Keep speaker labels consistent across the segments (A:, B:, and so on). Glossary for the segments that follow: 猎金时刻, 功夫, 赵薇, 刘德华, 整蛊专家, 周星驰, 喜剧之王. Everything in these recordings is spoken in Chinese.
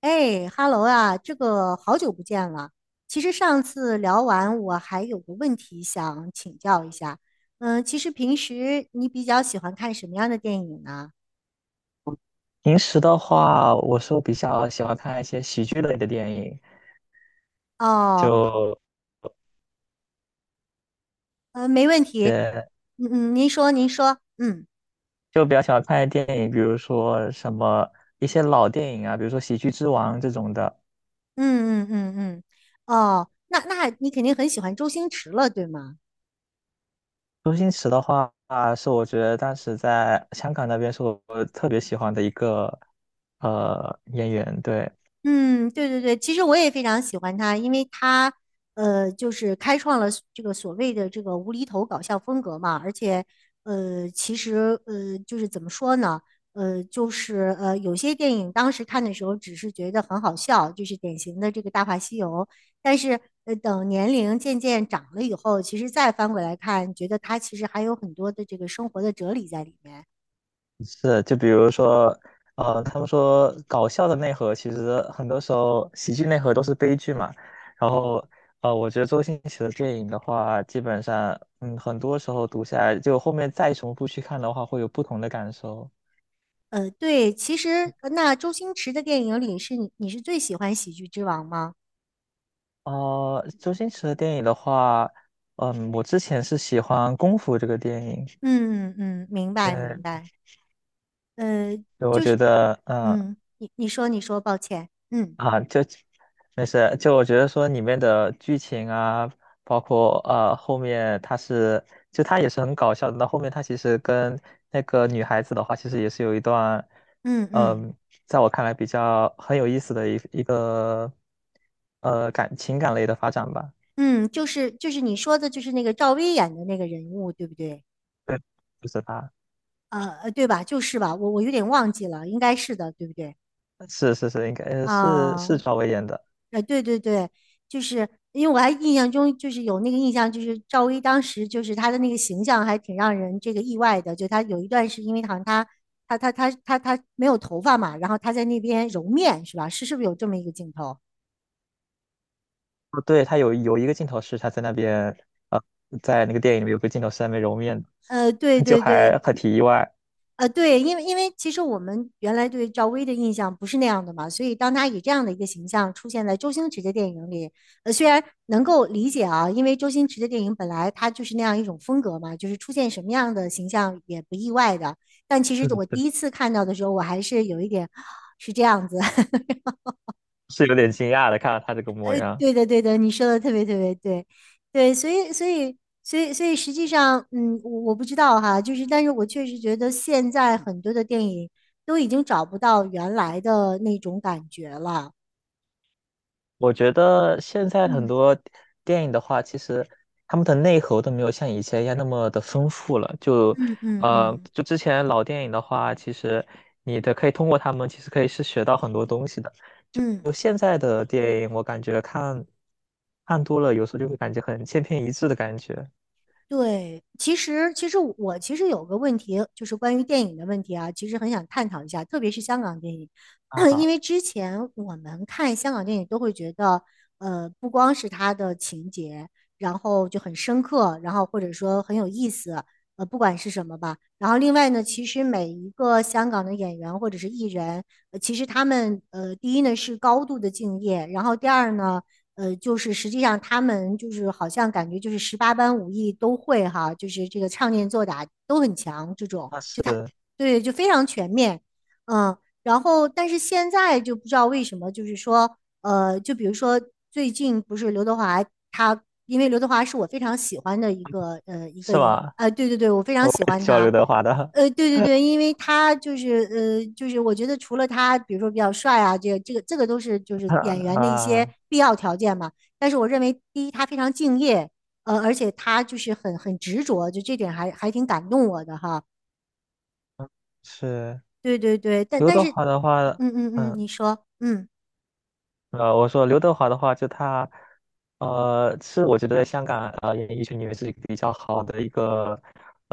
A: 哎哈喽啊，这个好久不见了。其实上次聊完，我还有个问题想请教一下。其实平时你比较喜欢看什么样的电影呢？
B: 平时的话，我是比较喜欢看一些喜剧类的电影。
A: 哦，
B: 就
A: 没问题。
B: 呃
A: 嗯嗯，您说，您说，嗯
B: 就比较喜欢看电影，比如说什么一些老电影啊，比如说《喜剧之王》这种的。
A: 嗯嗯嗯嗯，哦，那你肯定很喜欢周星驰了，对吗？
B: 周星驰的话，是我觉得当时在香港那边是我特别喜欢的一个演员，对。
A: 嗯，对对对，其实我也非常喜欢他，因为他，就是开创了所这个所谓的这个无厘头搞笑风格嘛，而且，其实，就是怎么说呢，有些电影当时看的时候只是觉得很好笑，就是典型的这个《大话西游》，但是，等年龄渐渐长了以后，其实再翻过来看，觉得他其实还有很多的这个生活的哲理在里面。
B: 是，就比如说，他们说搞笑的内核，其实很多时候喜剧内核都是悲剧嘛。然后，我觉得周星驰的电影的话，基本上，很多时候读下来，就后面再重复去看的话，会有不同的感受。
A: 对，其实那周星驰的电影里是你是最喜欢《喜剧之王》吗？
B: 周星驰的电影的话，我之前是喜欢《功夫》这个电影，
A: 嗯嗯，明白明
B: 对，
A: 白。呃，
B: 对我觉得，
A: 嗯，你说，抱歉。嗯
B: 就没事，就我觉得说里面的剧情啊，包括后面他是，就他也是很搞笑的。到后面他其实跟那个女孩子的话，其实也是有一段，
A: 嗯嗯
B: 嗯，在我看来比较很有意思的一个，感情感类的发展吧。
A: 嗯，就是就是你说的，就是那个赵薇演的那个人物，对不对？
B: 就是他，
A: 对吧？就是吧，我有点忘记了，应该是的，对不对？
B: 是是是，应该是
A: 啊、
B: 赵薇演的。
A: 对对对，就是因为我还印象中就是有那个印象，就是赵薇当时就是她的那个形象还挺让人这个意外的，就她有一段是因为好像她她她她她没有头发嘛，然后她在那边揉面是吧？是不是有这么一个镜头？
B: 哦，对，他有一个镜头是他在那边，在那个电影里面有个镜头是在那边揉面
A: 对
B: 的 就
A: 对对，
B: 还很挺意外。
A: 对，因为其实我们原来对赵薇的印象不是那样的嘛，所以当她以这样的一个形象出现在周星驰的电影里，虽然能够理解啊，因为周星驰的电影本来他就是那样一种风格嘛，就是出现什么样的形象也不意外的。但其实我第
B: 嗯
A: 一次看到的时候，我还是有一点 是这样子，
B: 是有点惊讶的，看到他这个模样。
A: 对的，对的，你说的特别对，对，所以，所以，所以，所以，实际上，嗯，我不知道哈，就是，但是我确实觉得现在很多的电影都已经找不到原来的那种感觉了。
B: 我觉得现在很
A: 嗯
B: 多电影的话，其实他们的内核都没有像以前一样那么的丰富了。就
A: 嗯嗯
B: 呃，
A: 嗯
B: 就之前老电影的话，其实你的可以通过他们，其实可以是学到很多东西的。
A: 嗯，
B: 就现在的电影，我感觉看多了，有时候就会感觉很千篇一致的感觉。
A: 对，其实我其实有个问题，就是关于电影的问题啊，其实很想探讨一下，特别是香港电影，
B: 啊
A: 因
B: 哈，
A: 为之前我们看香港电影都会觉得，不光是它的情节，然后就很深刻，然后或者说很有意思，不管是什么吧。然后另外呢，其实每一个香港的演员或者是艺人，其实他们第一呢是高度的敬业，然后第二呢。就是实际上他们就是好像感觉就是十八般武艺都会哈，就是这个唱念做打都很强，这种
B: 那
A: 就
B: 是
A: 他对就非常全面，嗯，然后但是现在就不知道为什么，就比如说最近不是刘德华他，因为刘德华是我非常喜欢的一个一个
B: 是
A: 影，
B: 吧？我
A: 呃对对对，我非常喜
B: 也
A: 欢
B: 挺喜欢
A: 他，
B: 刘德华的
A: 对对对，因为他就是我觉得除了他，比如说比较帅啊，这个都是就是演员的一些
B: 啊，
A: 必要条件嘛。但是我认为，第一，他非常敬业，而且他就是很执着，就这点还挺感动我的哈。
B: 是
A: 对对对，但
B: 刘
A: 但
B: 德
A: 是，
B: 华的话。
A: 嗯嗯嗯，嗯
B: 嗯。
A: 你说，嗯。
B: 我说刘德华的话，就他，是我觉得在香港演艺圈里面是比较好的一个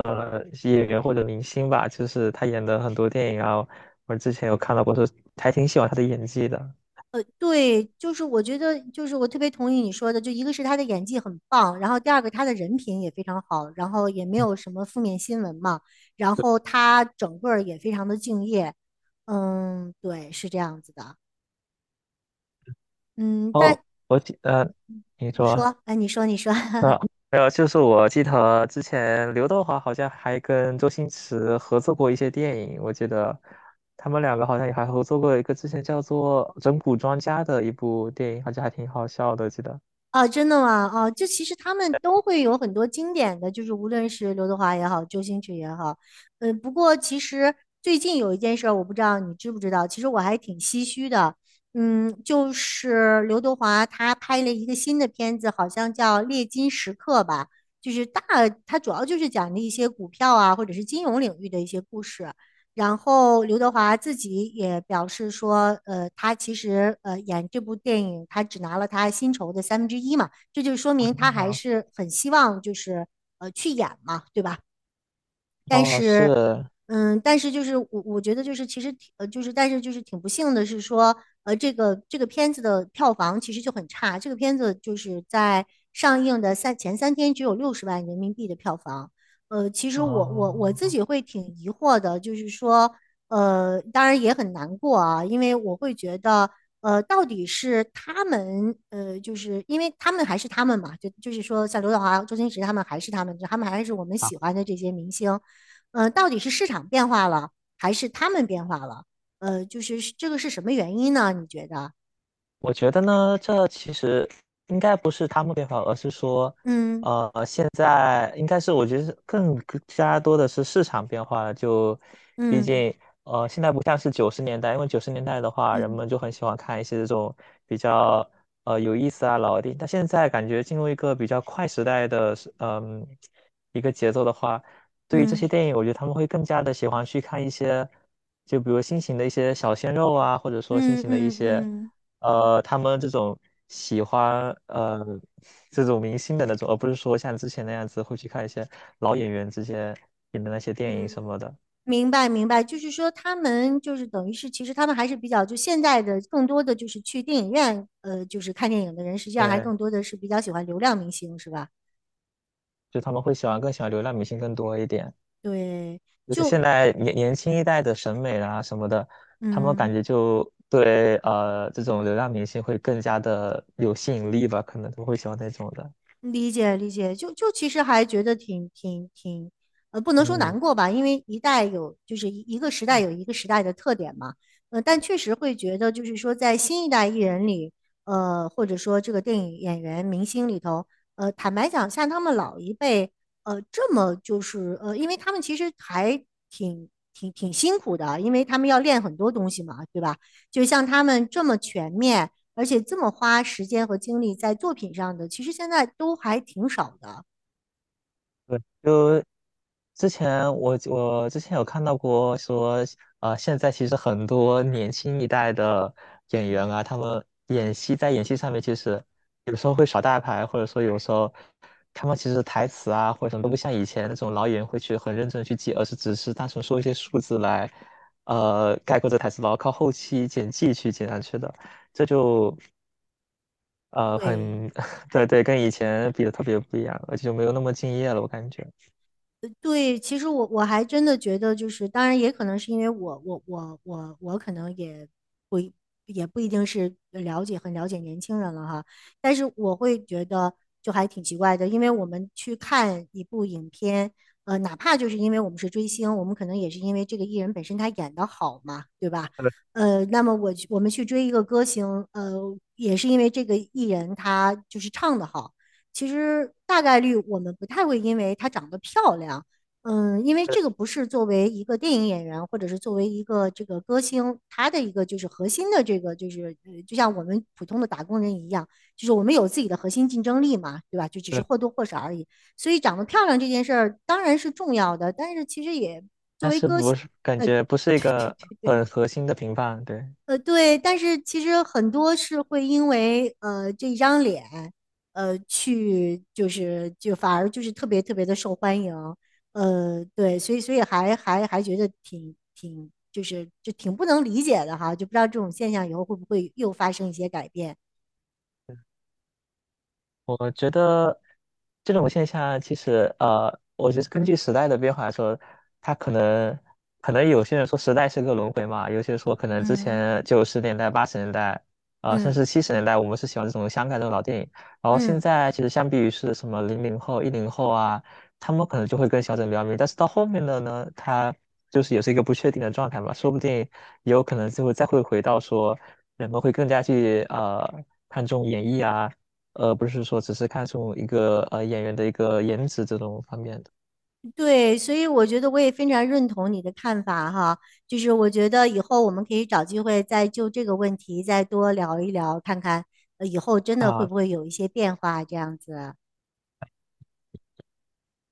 B: 演员或者明星吧，就是他演的很多电影啊，我之前有看到过，说还挺喜欢他的演技的。
A: 对，就是我觉得，就是我特别同意你说的，就一个是他的演技很棒，然后第二个他的人品也非常好，然后也没有什么负面新闻嘛，然后他整个儿也非常的敬业，嗯，对，是这样子的，嗯，
B: 哦，
A: 但
B: 我记呃，你
A: 你
B: 说。
A: 说，哎，你说，你说，
B: 啊，还有就是我记得之前刘德华好像还跟周星驰合作过一些电影，我记得他们两个好像也还合作过一个之前叫做《整蛊专家》的一部电影，好像还挺好笑的，记得。
A: 啊，真的吗？啊，就其实他们都会有很多经典的，就是无论是刘德华也好，周星驰也好，不过其实最近有一件事儿，我不知道你知不知道，其实我还挺唏嘘的，嗯，就是刘德华他拍了一个新的片子，好像叫《猎金时刻》吧，就是大，他主要就是讲的一些股票啊，或者是金融领域的一些故事。然后刘德华自己也表示说，他其实演这部电影，他只拿了他薪酬的三分之一嘛，这就说明他还
B: 啊，
A: 是很希望就是去演嘛，对吧？但
B: 哦，
A: 是，
B: 是，
A: 但是就是我觉得就是其实挺呃就是但是就是挺不幸的是说，这个这个片子的票房其实就很差，这个片子就是在上映的三天只有六十万人民币的票房。其实我自
B: 哦，
A: 己会挺疑惑的，就是说，当然也很难过啊，因为我会觉得，到底是他们，就是因为他们还是他们嘛，就就是说，像刘德华、周星驰他们还是他们，他们还是我们喜欢的这些明星，到底是市场变化了，还是他们变化了？就是这个是什么原因呢？你觉得？
B: 我觉得呢，这其实应该不是他们变化，而是说，
A: 嗯
B: 现在应该是我觉得是更加多的是市场变化了。就毕
A: 嗯
B: 竟，现在不像是九十年代，因为九十年代的话，人
A: 嗯
B: 们就很喜欢看一些这种比较有意思啊老的电影。但现在感觉进入一个比较快时代的是一个节奏的话，对于这些
A: 嗯
B: 电影，我觉得他们会更加的喜欢去看一些，就比如新型的一些小鲜肉啊，或者说新
A: 嗯
B: 型的一
A: 嗯
B: 些。
A: 嗯
B: 他们这种喜欢这种明星的那种，而不是说像之前那样子会去看一些老演员之前演的那些
A: 嗯，
B: 电影什么的。
A: 明白明白，就是说他们就是等于是，其实他们还是比较就现在的更多的就是去电影院，就是看电影的人，实际上还
B: 对，
A: 更多的是比较喜欢流量明星，是吧？
B: 就他们会喜欢更喜欢流量明星更多一点，
A: 对，
B: 就是现在年轻一代的审美啦什么的，他们
A: 嗯。
B: 感觉就对这种流量明星会更加的有吸引力吧，可能都会喜欢那种的。
A: 理解理解，就就其实还觉得挺，不能说
B: 嗯。
A: 难过吧，因为一代有就是一个时代有一个时代的特点嘛，但确实会觉得就是说在新一代艺人里，或者说这个电影演员明星里头，坦白讲，像他们老一辈，呃，这么就是呃，因为他们其实还挺辛苦的，因为他们要练很多东西嘛，对吧？就像他们这么全面。而且这么花时间和精力在作品上的，其实现在都还挺少的。
B: 就之前我之前有看到过说，现在其实很多年轻一代的演员啊，他们演戏在演戏上面，其实有时候会耍大牌，或者说有时候他们其实台词啊或者什么都不像以前那种老演员会去很认真地去记，而是只是单纯说一些数字来，概括这台词，然后靠后期剪辑去剪上去的，这就
A: 对，
B: 很 对对，跟以前比的特别不一样，而且就没有那么敬业了，我感觉。
A: 对，其实我还真的觉得，就是当然也可能是因为我可能也不一也不一定是了解很了解年轻人了哈，但是我会觉得就还挺奇怪的，因为我们去看一部影片，哪怕就是因为我们是追星，我们可能也是因为这个艺人本身他演的好嘛，对吧？那么我们去追一个歌星，呃，也是因为这个艺人他就是唱的好。其实大概率我们不太会因为她长得漂亮，嗯，因为这个不是作为一个电影演员或者是作为一个这个歌星，她的一个就是核心的就像我们普通的打工人一样，就是我们有自己的核心竞争力嘛，对吧？就只是
B: 对，
A: 或多或少而已。所以长得漂亮这件事儿当然是重要的，但是其实也作
B: 但
A: 为
B: 是
A: 歌星。
B: 不是感觉不是一个很核心的评判，对，
A: 对，但是其实很多是会因为这一张脸，呃，去就是就反而就是特别的受欢迎，对，所以所以还觉得挺挺就是就挺不能理解的哈，就不知道这种现象以后会不会又发生一些改变。
B: 我觉得这种现象其实，我觉得根据时代的变化来说，它可能有些人说时代是个轮回嘛，有些人说可能之
A: 嗯。
B: 前九十年代、80年代，甚
A: 嗯
B: 至70年代，我们是喜欢这种香港这种老电影，然后现
A: 嗯。
B: 在其实相比于是什么00后、10后啊，他们可能就会更小众比较迷，但是到后面的呢，他就是也是一个不确定的状态嘛，说不定也有可能就会再会回到说人们会更加去看重演绎啊。不是说只是看重一个演员的一个颜值这种方面的
A: 对，所以我觉得我也非常认同你的看法哈，就是我觉得以后我们可以找机会再就这个问题再多聊一聊，看看以后真的会
B: 啊。
A: 不会有一些变化这样子。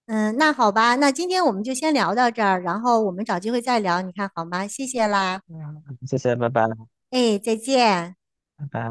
A: 嗯，那好吧，那今天我们就先聊到这儿，然后我们找机会再聊，你看好吗？谢谢啦，
B: 嗯，谢谢，拜拜，
A: 哎，再见。
B: 拜拜。